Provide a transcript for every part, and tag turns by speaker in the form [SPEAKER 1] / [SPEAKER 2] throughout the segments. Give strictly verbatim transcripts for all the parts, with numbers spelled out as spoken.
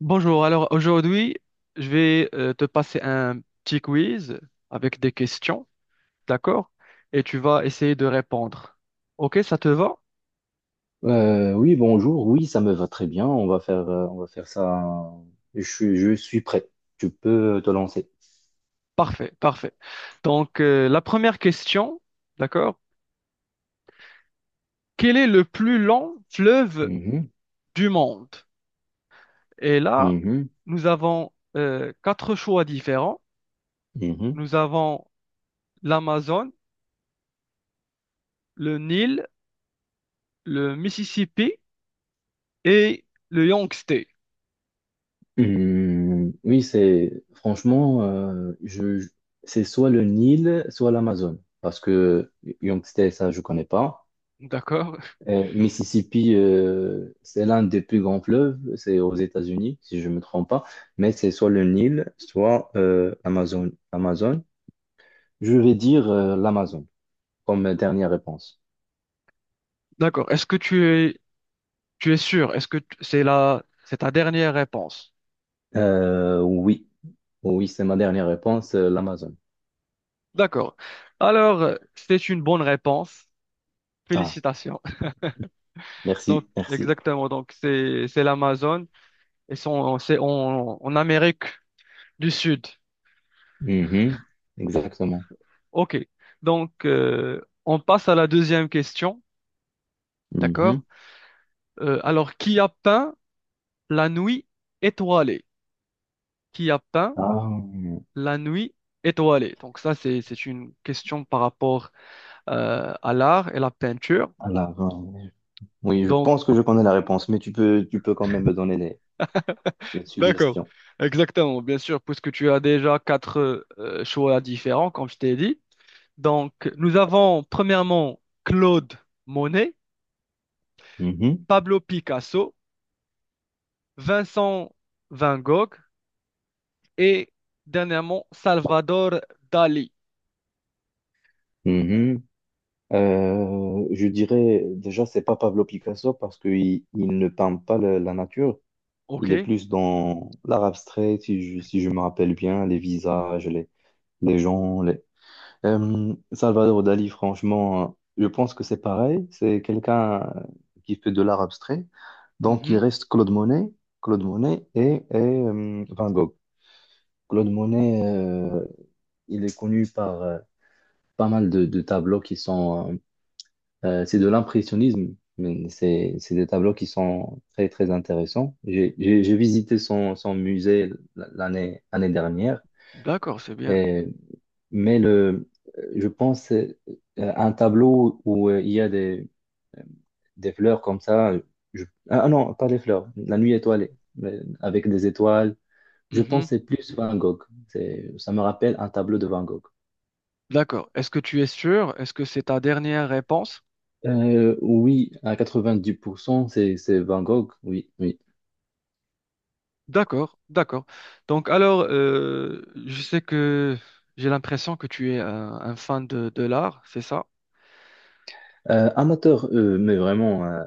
[SPEAKER 1] Bonjour, alors aujourd'hui, je vais euh, te passer un petit quiz avec des questions, d'accord? Et tu vas essayer de répondre. Ok, ça te va?
[SPEAKER 2] Euh, oui, bonjour. Oui, ça me va très bien. On va faire, euh, on va faire ça. Je, suis- je suis prêt. Tu peux te lancer.
[SPEAKER 1] Parfait, parfait. Donc, euh, la première question, d'accord? Quel est le plus long fleuve
[SPEAKER 2] Mhm,
[SPEAKER 1] du monde? Et là,
[SPEAKER 2] mhm,
[SPEAKER 1] nous avons euh, quatre choix différents.
[SPEAKER 2] mhm.
[SPEAKER 1] Nous avons l'Amazone, le Nil, le Mississippi et le Yangtze.
[SPEAKER 2] Hum, oui, c'est franchement, euh, je, je- c'est soit le Nil, soit l'Amazone, parce que Yangtze, ça, je connais pas.
[SPEAKER 1] D'accord?
[SPEAKER 2] Euh, Mississippi, euh, c'est l'un des plus grands fleuves. C'est aux États-Unis, si je me trompe pas. Mais c'est soit le Nil, soit euh, l'Amazone. Amazon. Je vais dire l'Amazon comme dernière réponse.
[SPEAKER 1] D'accord. Est-ce que tu es, tu es sûr? Est-ce que t- c'est la, c'est ta dernière réponse?
[SPEAKER 2] Euh, oui, oui, c'est ma dernière réponse, euh, l'Amazon.
[SPEAKER 1] D'accord. Alors, euh, c'est une bonne réponse.
[SPEAKER 2] Ah,
[SPEAKER 1] Félicitations. Donc,
[SPEAKER 2] merci, merci.
[SPEAKER 1] exactement. Donc, c'est, c'est l'Amazon et sont, c'est en, en Amérique du Sud.
[SPEAKER 2] Mhm. Exactement.
[SPEAKER 1] OK. Donc, euh, on passe à la deuxième question. D'accord?
[SPEAKER 2] Mhm.
[SPEAKER 1] Euh, alors, qui a peint la nuit étoilée? Qui a peint
[SPEAKER 2] Ah,
[SPEAKER 1] la nuit étoilée. Donc ça, c'est, c'est une question par rapport euh, à l'art et la peinture.
[SPEAKER 2] alors, euh, oui, je
[SPEAKER 1] Donc,
[SPEAKER 2] pense que je connais la réponse, mais tu peux, tu peux quand même me donner des, des
[SPEAKER 1] d'accord,
[SPEAKER 2] suggestions.
[SPEAKER 1] exactement, bien sûr, puisque tu as déjà quatre euh, choix différents, comme je t'ai dit. Donc, nous avons premièrement Claude Monet,
[SPEAKER 2] Mhm,
[SPEAKER 1] Pablo Picasso, Vincent Van Gogh et dernièrement Salvador Dali.
[SPEAKER 2] mhm. Euh, je dirais déjà, c'est pas Pablo Picasso parce qu'il il ne peint pas le- la nature. Il est
[SPEAKER 1] OK?
[SPEAKER 2] plus dans l'art abstrait, si je, si je me rappelle bien, les visages, les, les gens, les. Euh, Salvador Dali, franchement, je pense que c'est pareil. C'est quelqu'un euh, qui fait de l'art abstrait. Donc, il
[SPEAKER 1] Mhm.
[SPEAKER 2] reste Claude Monet, Claude Monet, et, et, euh, Van Gogh. Claude Monet, euh, il est connu par euh, pas mal de, de tableaux qui sont, euh, euh, c'est de l'impressionnisme, mais c'est c'est des tableaux qui sont très, très intéressants. J'ai j'ai- j'ai visité son, son musée l'année l'année dernière.
[SPEAKER 1] D'accord, c'est bien.
[SPEAKER 2] Mais le, je pense euh, à un tableau où euh, il y a des, des fleurs comme ça. je- Ah non, pas des fleurs, la nuit étoilée, mais avec des étoiles. Je pense
[SPEAKER 1] Mhm.
[SPEAKER 2] que c'est plus Van Gogh. C'est, ça me rappelle un tableau de Van Gogh.
[SPEAKER 1] D'accord. Est-ce que tu es sûr? Est-ce que c'est ta dernière réponse?
[SPEAKER 2] Euh, oui, à quatre-vingt-dix pour cent, c'est, c'est Van Gogh, oui, oui.
[SPEAKER 1] D'accord, d'accord. Donc alors, euh, je sais que j'ai l'impression que tu es un, un fan de, de l'art, c'est ça?
[SPEAKER 2] Euh, amateur, euh, mais vraiment euh,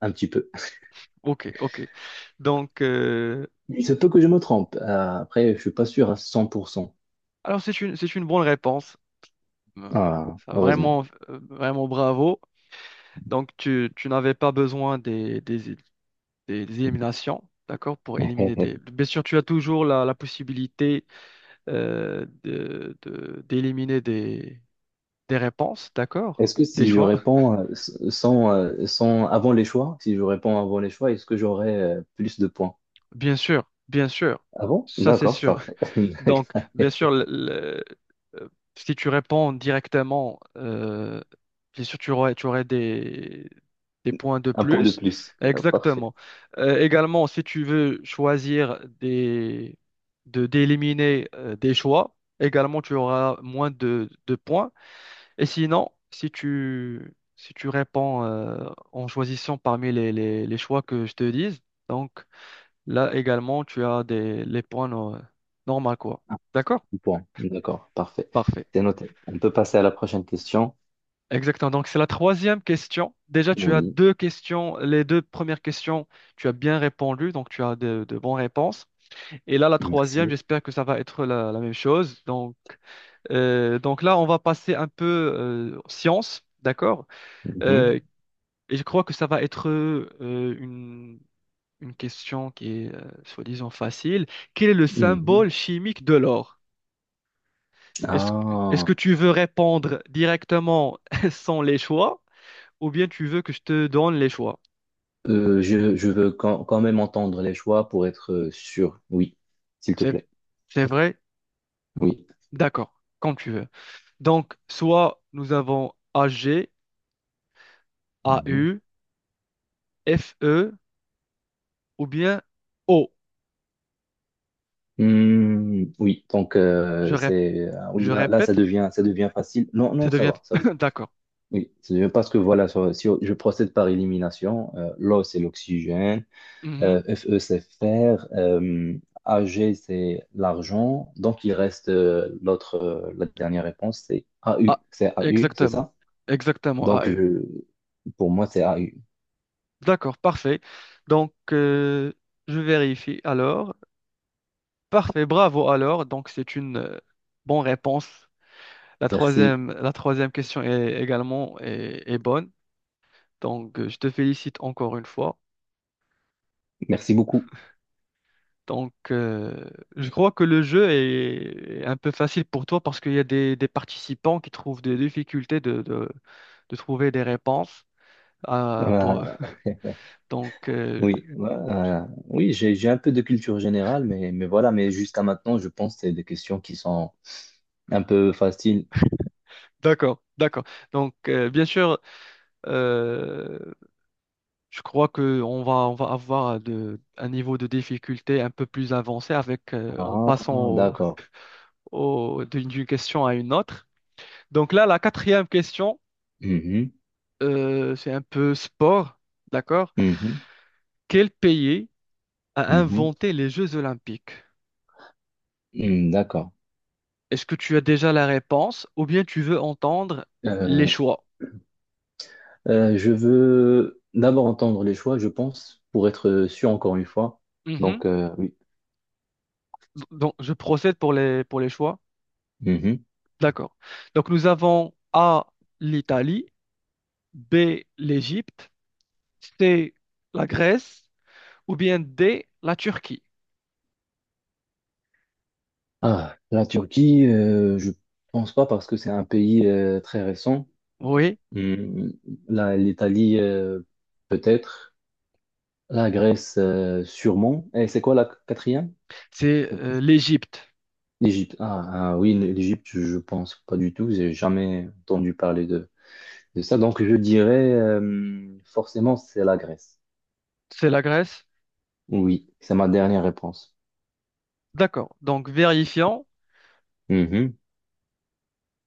[SPEAKER 2] un petit peu.
[SPEAKER 1] Ok, ok. Donc, euh,
[SPEAKER 2] Il se peut que je me trompe. Euh, après, je suis pas sûr à cent pour cent.
[SPEAKER 1] alors c'est une, c'est une bonne réponse. Euh,
[SPEAKER 2] Ah,
[SPEAKER 1] Ça,
[SPEAKER 2] heureusement.
[SPEAKER 1] vraiment, euh, vraiment bravo. Donc tu, tu n'avais pas besoin des, des, des des éliminations, d'accord, pour éliminer des... Bien sûr, tu as toujours la, la possibilité euh, de, de- d'éliminer des, des réponses, d'accord,
[SPEAKER 2] Est-ce que
[SPEAKER 1] des
[SPEAKER 2] si je
[SPEAKER 1] choix.
[SPEAKER 2] réponds euh, s- sans, euh, sans avant les choix, si je réponds avant les choix, est-ce que j'aurai euh, plus de points?
[SPEAKER 1] Bien sûr, bien sûr,
[SPEAKER 2] Ah bon?
[SPEAKER 1] ça c'est
[SPEAKER 2] D'accord,
[SPEAKER 1] sûr.
[SPEAKER 2] parfait.
[SPEAKER 1] Donc, bien sûr, le- le- euh, si tu réponds directement, euh, bien sûr, tu aurais, tu aurais des, des points de
[SPEAKER 2] Un point de
[SPEAKER 1] plus.
[SPEAKER 2] plus. Ah, Parfait.
[SPEAKER 1] Exactement. Euh, également, si tu veux choisir des, de, d'éliminer euh, des choix, également, tu auras moins de, de points. Et sinon, si tu, si tu réponds euh, en choisissant parmi les, les, les choix que je te dise, donc, là également, tu as des, les points no- normaux, quoi. D'accord?
[SPEAKER 2] Un point. D'accord, parfait.
[SPEAKER 1] Parfait.
[SPEAKER 2] C'est noté. On peut passer à la prochaine question.
[SPEAKER 1] Exactement. Donc, c'est la troisième question. Déjà, tu as
[SPEAKER 2] Oui,
[SPEAKER 1] deux questions. Les deux premières questions, tu as bien répondu. Donc, tu as de, de bonnes réponses. Et là, la troisième,
[SPEAKER 2] merci.
[SPEAKER 1] j'espère que ça va être la, la même chose. Donc, euh, donc là, on va passer un peu euh, science. D'accord? Euh,
[SPEAKER 2] Mhm.
[SPEAKER 1] et je crois que ça va être euh, une, une question qui est, euh, soi-disant, facile. Quel est le
[SPEAKER 2] Mhm.
[SPEAKER 1] symbole chimique de l'or? Est-ce, que est-ce que
[SPEAKER 2] Ah,
[SPEAKER 1] tu veux répondre directement sans les choix ou bien tu veux que je te donne les choix?
[SPEAKER 2] euh, je, je veux quand, quand même entendre les choix pour être euh, sûr. Oui, s'il te
[SPEAKER 1] C'est,
[SPEAKER 2] plaît.
[SPEAKER 1] c'est vrai?
[SPEAKER 2] Oui.
[SPEAKER 1] D'accord, comme tu veux. Donc, soit nous avons A A G A
[SPEAKER 2] Mhm.
[SPEAKER 1] U F E ou bien O.
[SPEAKER 2] Hmm, oui, donc
[SPEAKER 1] Je,
[SPEAKER 2] euh,
[SPEAKER 1] rép-
[SPEAKER 2] c'est euh,
[SPEAKER 1] je
[SPEAKER 2] oui là, là ça
[SPEAKER 1] répète,
[SPEAKER 2] devient ça devient facile. Non
[SPEAKER 1] ça
[SPEAKER 2] non, ça
[SPEAKER 1] devient...
[SPEAKER 2] va ça va.
[SPEAKER 1] D'accord.
[SPEAKER 2] Oui, ça devient parce que voilà ça si je procède par élimination, euh, l'O c'est l'oxygène,
[SPEAKER 1] Mhm.
[SPEAKER 2] euh, Fe c'est fer, euh, Ag c'est l'argent, donc il reste euh, l'autre euh, la dernière réponse c'est AU
[SPEAKER 1] Ah,
[SPEAKER 2] c'est AU c'est
[SPEAKER 1] exactement.
[SPEAKER 2] ça?
[SPEAKER 1] Exactement, A
[SPEAKER 2] Donc
[SPEAKER 1] E.
[SPEAKER 2] je Pour moi c'est A U.
[SPEAKER 1] D'accord, parfait. Donc, euh, je vérifie alors. Parfait, bravo alors. Donc, c'est une euh, bonne réponse. La
[SPEAKER 2] Merci
[SPEAKER 1] troisième, la troisième question est également est, est bonne. Donc, euh, je te félicite encore une fois.
[SPEAKER 2] merci beaucoup.
[SPEAKER 1] Donc, euh, je crois que le jeu est est un peu facile pour toi parce qu'il y a des, des participants qui trouvent des difficultés de, de, de trouver des réponses. Euh, pour...
[SPEAKER 2] Voilà.
[SPEAKER 1] Donc,
[SPEAKER 2] Oui,
[SPEAKER 1] euh,
[SPEAKER 2] ouais, euh, oui, j'ai j'ai un peu de culture générale, mais, mais voilà, mais jusqu'à maintenant, je pense que c'est des questions qui sont un peu faciles.
[SPEAKER 1] d'accord, d'accord. Donc, euh, bien sûr, euh, je crois que on va, on va avoir de, un niveau de difficulté un peu plus avancé avec, euh, en
[SPEAKER 2] Ah,
[SPEAKER 1] passant
[SPEAKER 2] d'accord.
[SPEAKER 1] au- d'une d'une question à une autre. Donc là, la quatrième question,
[SPEAKER 2] Mhm,
[SPEAKER 1] euh, c'est un peu sport, d'accord?
[SPEAKER 2] mhm,
[SPEAKER 1] Quel pays a
[SPEAKER 2] mhm,
[SPEAKER 1] inventé les Jeux Olympiques?
[SPEAKER 2] mhm, d'accord.
[SPEAKER 1] Est-ce que tu as déjà la réponse ou bien tu veux entendre les
[SPEAKER 2] Euh,
[SPEAKER 1] choix?
[SPEAKER 2] euh, je veux d'abord entendre les choix, je pense, pour être sûr encore une fois.
[SPEAKER 1] Mhm.
[SPEAKER 2] Donc, euh, oui.
[SPEAKER 1] Donc, je procède pour les, pour les choix.
[SPEAKER 2] Mhm.
[SPEAKER 1] D'accord. Donc, nous avons A, l'Italie, B, l'Égypte, C, la Grèce ou bien D, la Turquie.
[SPEAKER 2] Ah, la Turquie, euh, je pense pas parce que c'est un pays euh, très récent.
[SPEAKER 1] Oui,
[SPEAKER 2] Hmm, la- l'Italie, euh, peut-être. La Grèce, euh, sûrement. Et c'est quoi la quatrième?
[SPEAKER 1] c'est euh, l'Égypte.
[SPEAKER 2] L'Égypte. Ah, ah oui, l'Égypte, je pense pas du tout. J'ai jamais entendu parler de, de ça. Donc, je dirais euh, forcément, c'est la Grèce.
[SPEAKER 1] C'est la Grèce.
[SPEAKER 2] Oui, c'est ma dernière réponse.
[SPEAKER 1] D'accord. Donc, vérifions.
[SPEAKER 2] Mhm.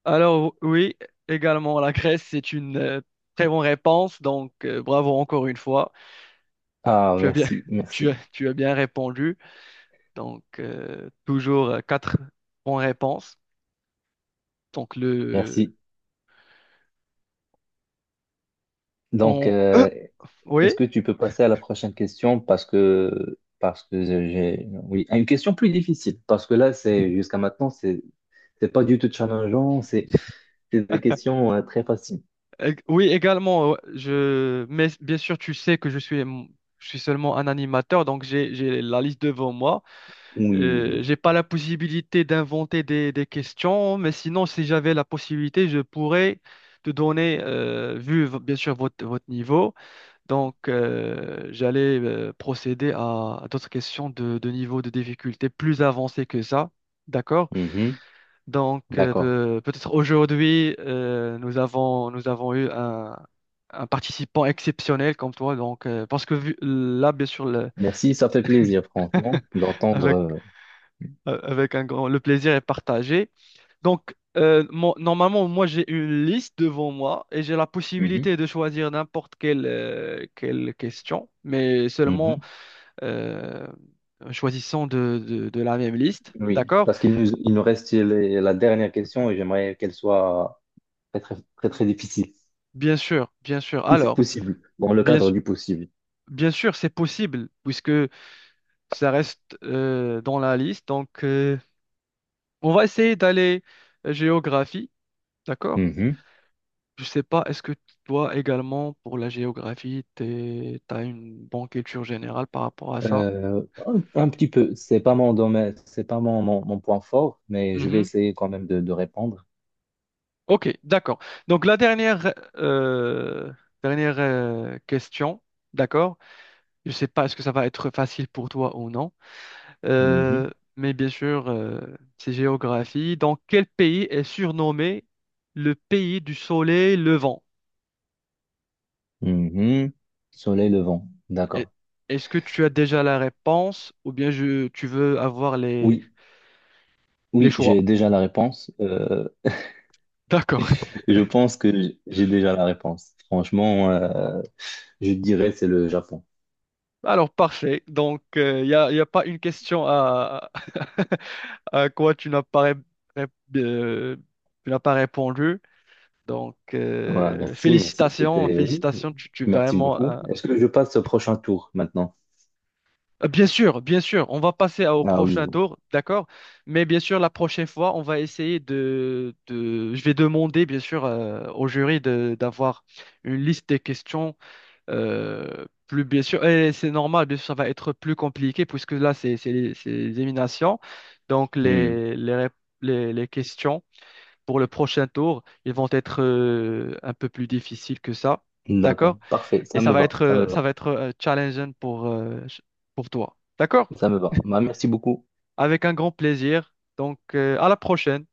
[SPEAKER 1] Alors, oui, également, la Grèce, c'est une euh, très bonne réponse. Donc, euh, bravo encore une fois.
[SPEAKER 2] Ah,
[SPEAKER 1] Tu as bien,
[SPEAKER 2] merci,
[SPEAKER 1] tu
[SPEAKER 2] merci,
[SPEAKER 1] as, tu as bien répondu. Donc, euh, toujours euh, quatre bonnes réponses. Donc, le,
[SPEAKER 2] merci. Donc,
[SPEAKER 1] on, euh,
[SPEAKER 2] euh,
[SPEAKER 1] oui,
[SPEAKER 2] est-ce que tu peux passer à la prochaine question parce que parce que j'ai oui à une question plus difficile parce que là c'est jusqu'à maintenant c'est c'est pas du tout challengeant c'est c'est des questions euh, très faciles.
[SPEAKER 1] euh, oui, également, euh, je, mais bien sûr, tu sais que je suis, je suis seulement un animateur. Donc, j'ai, j'ai la liste devant moi.
[SPEAKER 2] Oui,
[SPEAKER 1] Euh,
[SPEAKER 2] oui.
[SPEAKER 1] j'ai pas la possibilité d'inventer des, des questions, mais sinon, si j'avais la possibilité, je pourrais te donner, euh, vu v- bien sûr votre, votre niveau, donc euh, j'allais euh, procéder à, à d'autres questions de, de niveau de difficulté plus avancé que ça. D'accord?
[SPEAKER 2] Mhm,
[SPEAKER 1] Donc euh,
[SPEAKER 2] D'accord.
[SPEAKER 1] peu- peut-être aujourd'hui, euh, nous avons, nous avons eu un, un participant exceptionnel comme toi, donc euh, parce que vu- là, bien sûr, le-
[SPEAKER 2] Merci, ça fait plaisir, franchement,
[SPEAKER 1] avec,
[SPEAKER 2] d'entendre.
[SPEAKER 1] avec un grand, le plaisir est partagé. Donc, euh, mo- normalement, moi, j'ai une liste devant moi et j'ai la
[SPEAKER 2] Euh, mhm,
[SPEAKER 1] possibilité de choisir n'importe quelle, euh, quelle question, mais seulement
[SPEAKER 2] mhm.
[SPEAKER 1] euh, en choisissant de, de, de la même liste.
[SPEAKER 2] Oui,
[SPEAKER 1] D'accord?
[SPEAKER 2] parce qu'il nous, il nous reste les- la dernière question et j'aimerais qu'elle soit très, très, très, très difficile,
[SPEAKER 1] Bien sûr, bien sûr.
[SPEAKER 2] si c'est
[SPEAKER 1] Alors,
[SPEAKER 2] possible, dans le
[SPEAKER 1] bien,
[SPEAKER 2] cadre
[SPEAKER 1] su-
[SPEAKER 2] du possible.
[SPEAKER 1] bien sûr, c'est possible puisque ça reste euh, dans la liste. Donc, euh, on va essayer d'aller euh, géographie. D'accord?
[SPEAKER 2] Mhm.
[SPEAKER 1] Je sais pas, est-ce que toi également, pour la géographie, tu as une bonne culture générale par rapport à ça?
[SPEAKER 2] Euh, un, un petit peu, c'est pas mon domaine, c'est pas mon, mon, mon point fort, mais je vais
[SPEAKER 1] Mhm.
[SPEAKER 2] essayer quand même de, de répondre.
[SPEAKER 1] Ok, d'accord. Donc la dernière, euh, dernière euh, question, d'accord. Je sais pas est-ce que ça va être facile pour toi ou non. Euh,
[SPEAKER 2] Mhm,
[SPEAKER 1] mais bien sûr, euh, c'est géographie. Dans quel pays est surnommé le pays du soleil levant?
[SPEAKER 2] mhm. Soleil levant,
[SPEAKER 1] Et-
[SPEAKER 2] d'accord.
[SPEAKER 1] Est-ce que tu as déjà la réponse ou bien je, tu veux avoir les,
[SPEAKER 2] Oui,
[SPEAKER 1] les
[SPEAKER 2] oui, j'ai
[SPEAKER 1] choix?
[SPEAKER 2] déjà la réponse. Euh,
[SPEAKER 1] D'accord.
[SPEAKER 2] Je pense que j- j'ai déjà la réponse. Franchement, euh, je dirais c'est le Japon.
[SPEAKER 1] Alors, parfait. Donc, il n'y a, y a pas une question à, à quoi tu n'as pas, ré- ré- euh, tu n'as pas répondu. Donc,
[SPEAKER 2] Voilà,
[SPEAKER 1] euh,
[SPEAKER 2] merci, merci.
[SPEAKER 1] félicitations,
[SPEAKER 2] C'était oui,
[SPEAKER 1] félicitations, tu, tu es
[SPEAKER 2] merci
[SPEAKER 1] vraiment...
[SPEAKER 2] beaucoup.
[SPEAKER 1] euh,
[SPEAKER 2] Est-ce que je passe au prochain tour maintenant?
[SPEAKER 1] euh, bien sûr, bien sûr, on va passer à- au
[SPEAKER 2] Ah
[SPEAKER 1] prochain
[SPEAKER 2] oui.
[SPEAKER 1] tour, d'accord? Mais bien sûr, la prochaine fois, on va essayer de... de- je vais demander, bien sûr, euh, au jury de- d'avoir une liste des questions. Euh, plus bien sûr, et c'est normal, bien sûr, ça va être plus compliqué puisque là, c'est c'est les c'est les éliminations. Donc,
[SPEAKER 2] Hmm.
[SPEAKER 1] les, les, rép- les, les questions pour le prochain tour, ils vont être euh, un peu plus difficiles que ça. D'accord?
[SPEAKER 2] D'accord, parfait.
[SPEAKER 1] Et
[SPEAKER 2] Ça
[SPEAKER 1] ça
[SPEAKER 2] me
[SPEAKER 1] va
[SPEAKER 2] va,
[SPEAKER 1] être,
[SPEAKER 2] ça me
[SPEAKER 1] euh, ça
[SPEAKER 2] va,
[SPEAKER 1] va être euh, challengeant pour, euh, ch- pour toi. D'accord?
[SPEAKER 2] ça me va. Bah, merci beaucoup.
[SPEAKER 1] Avec un grand plaisir. Donc, euh, à la prochaine.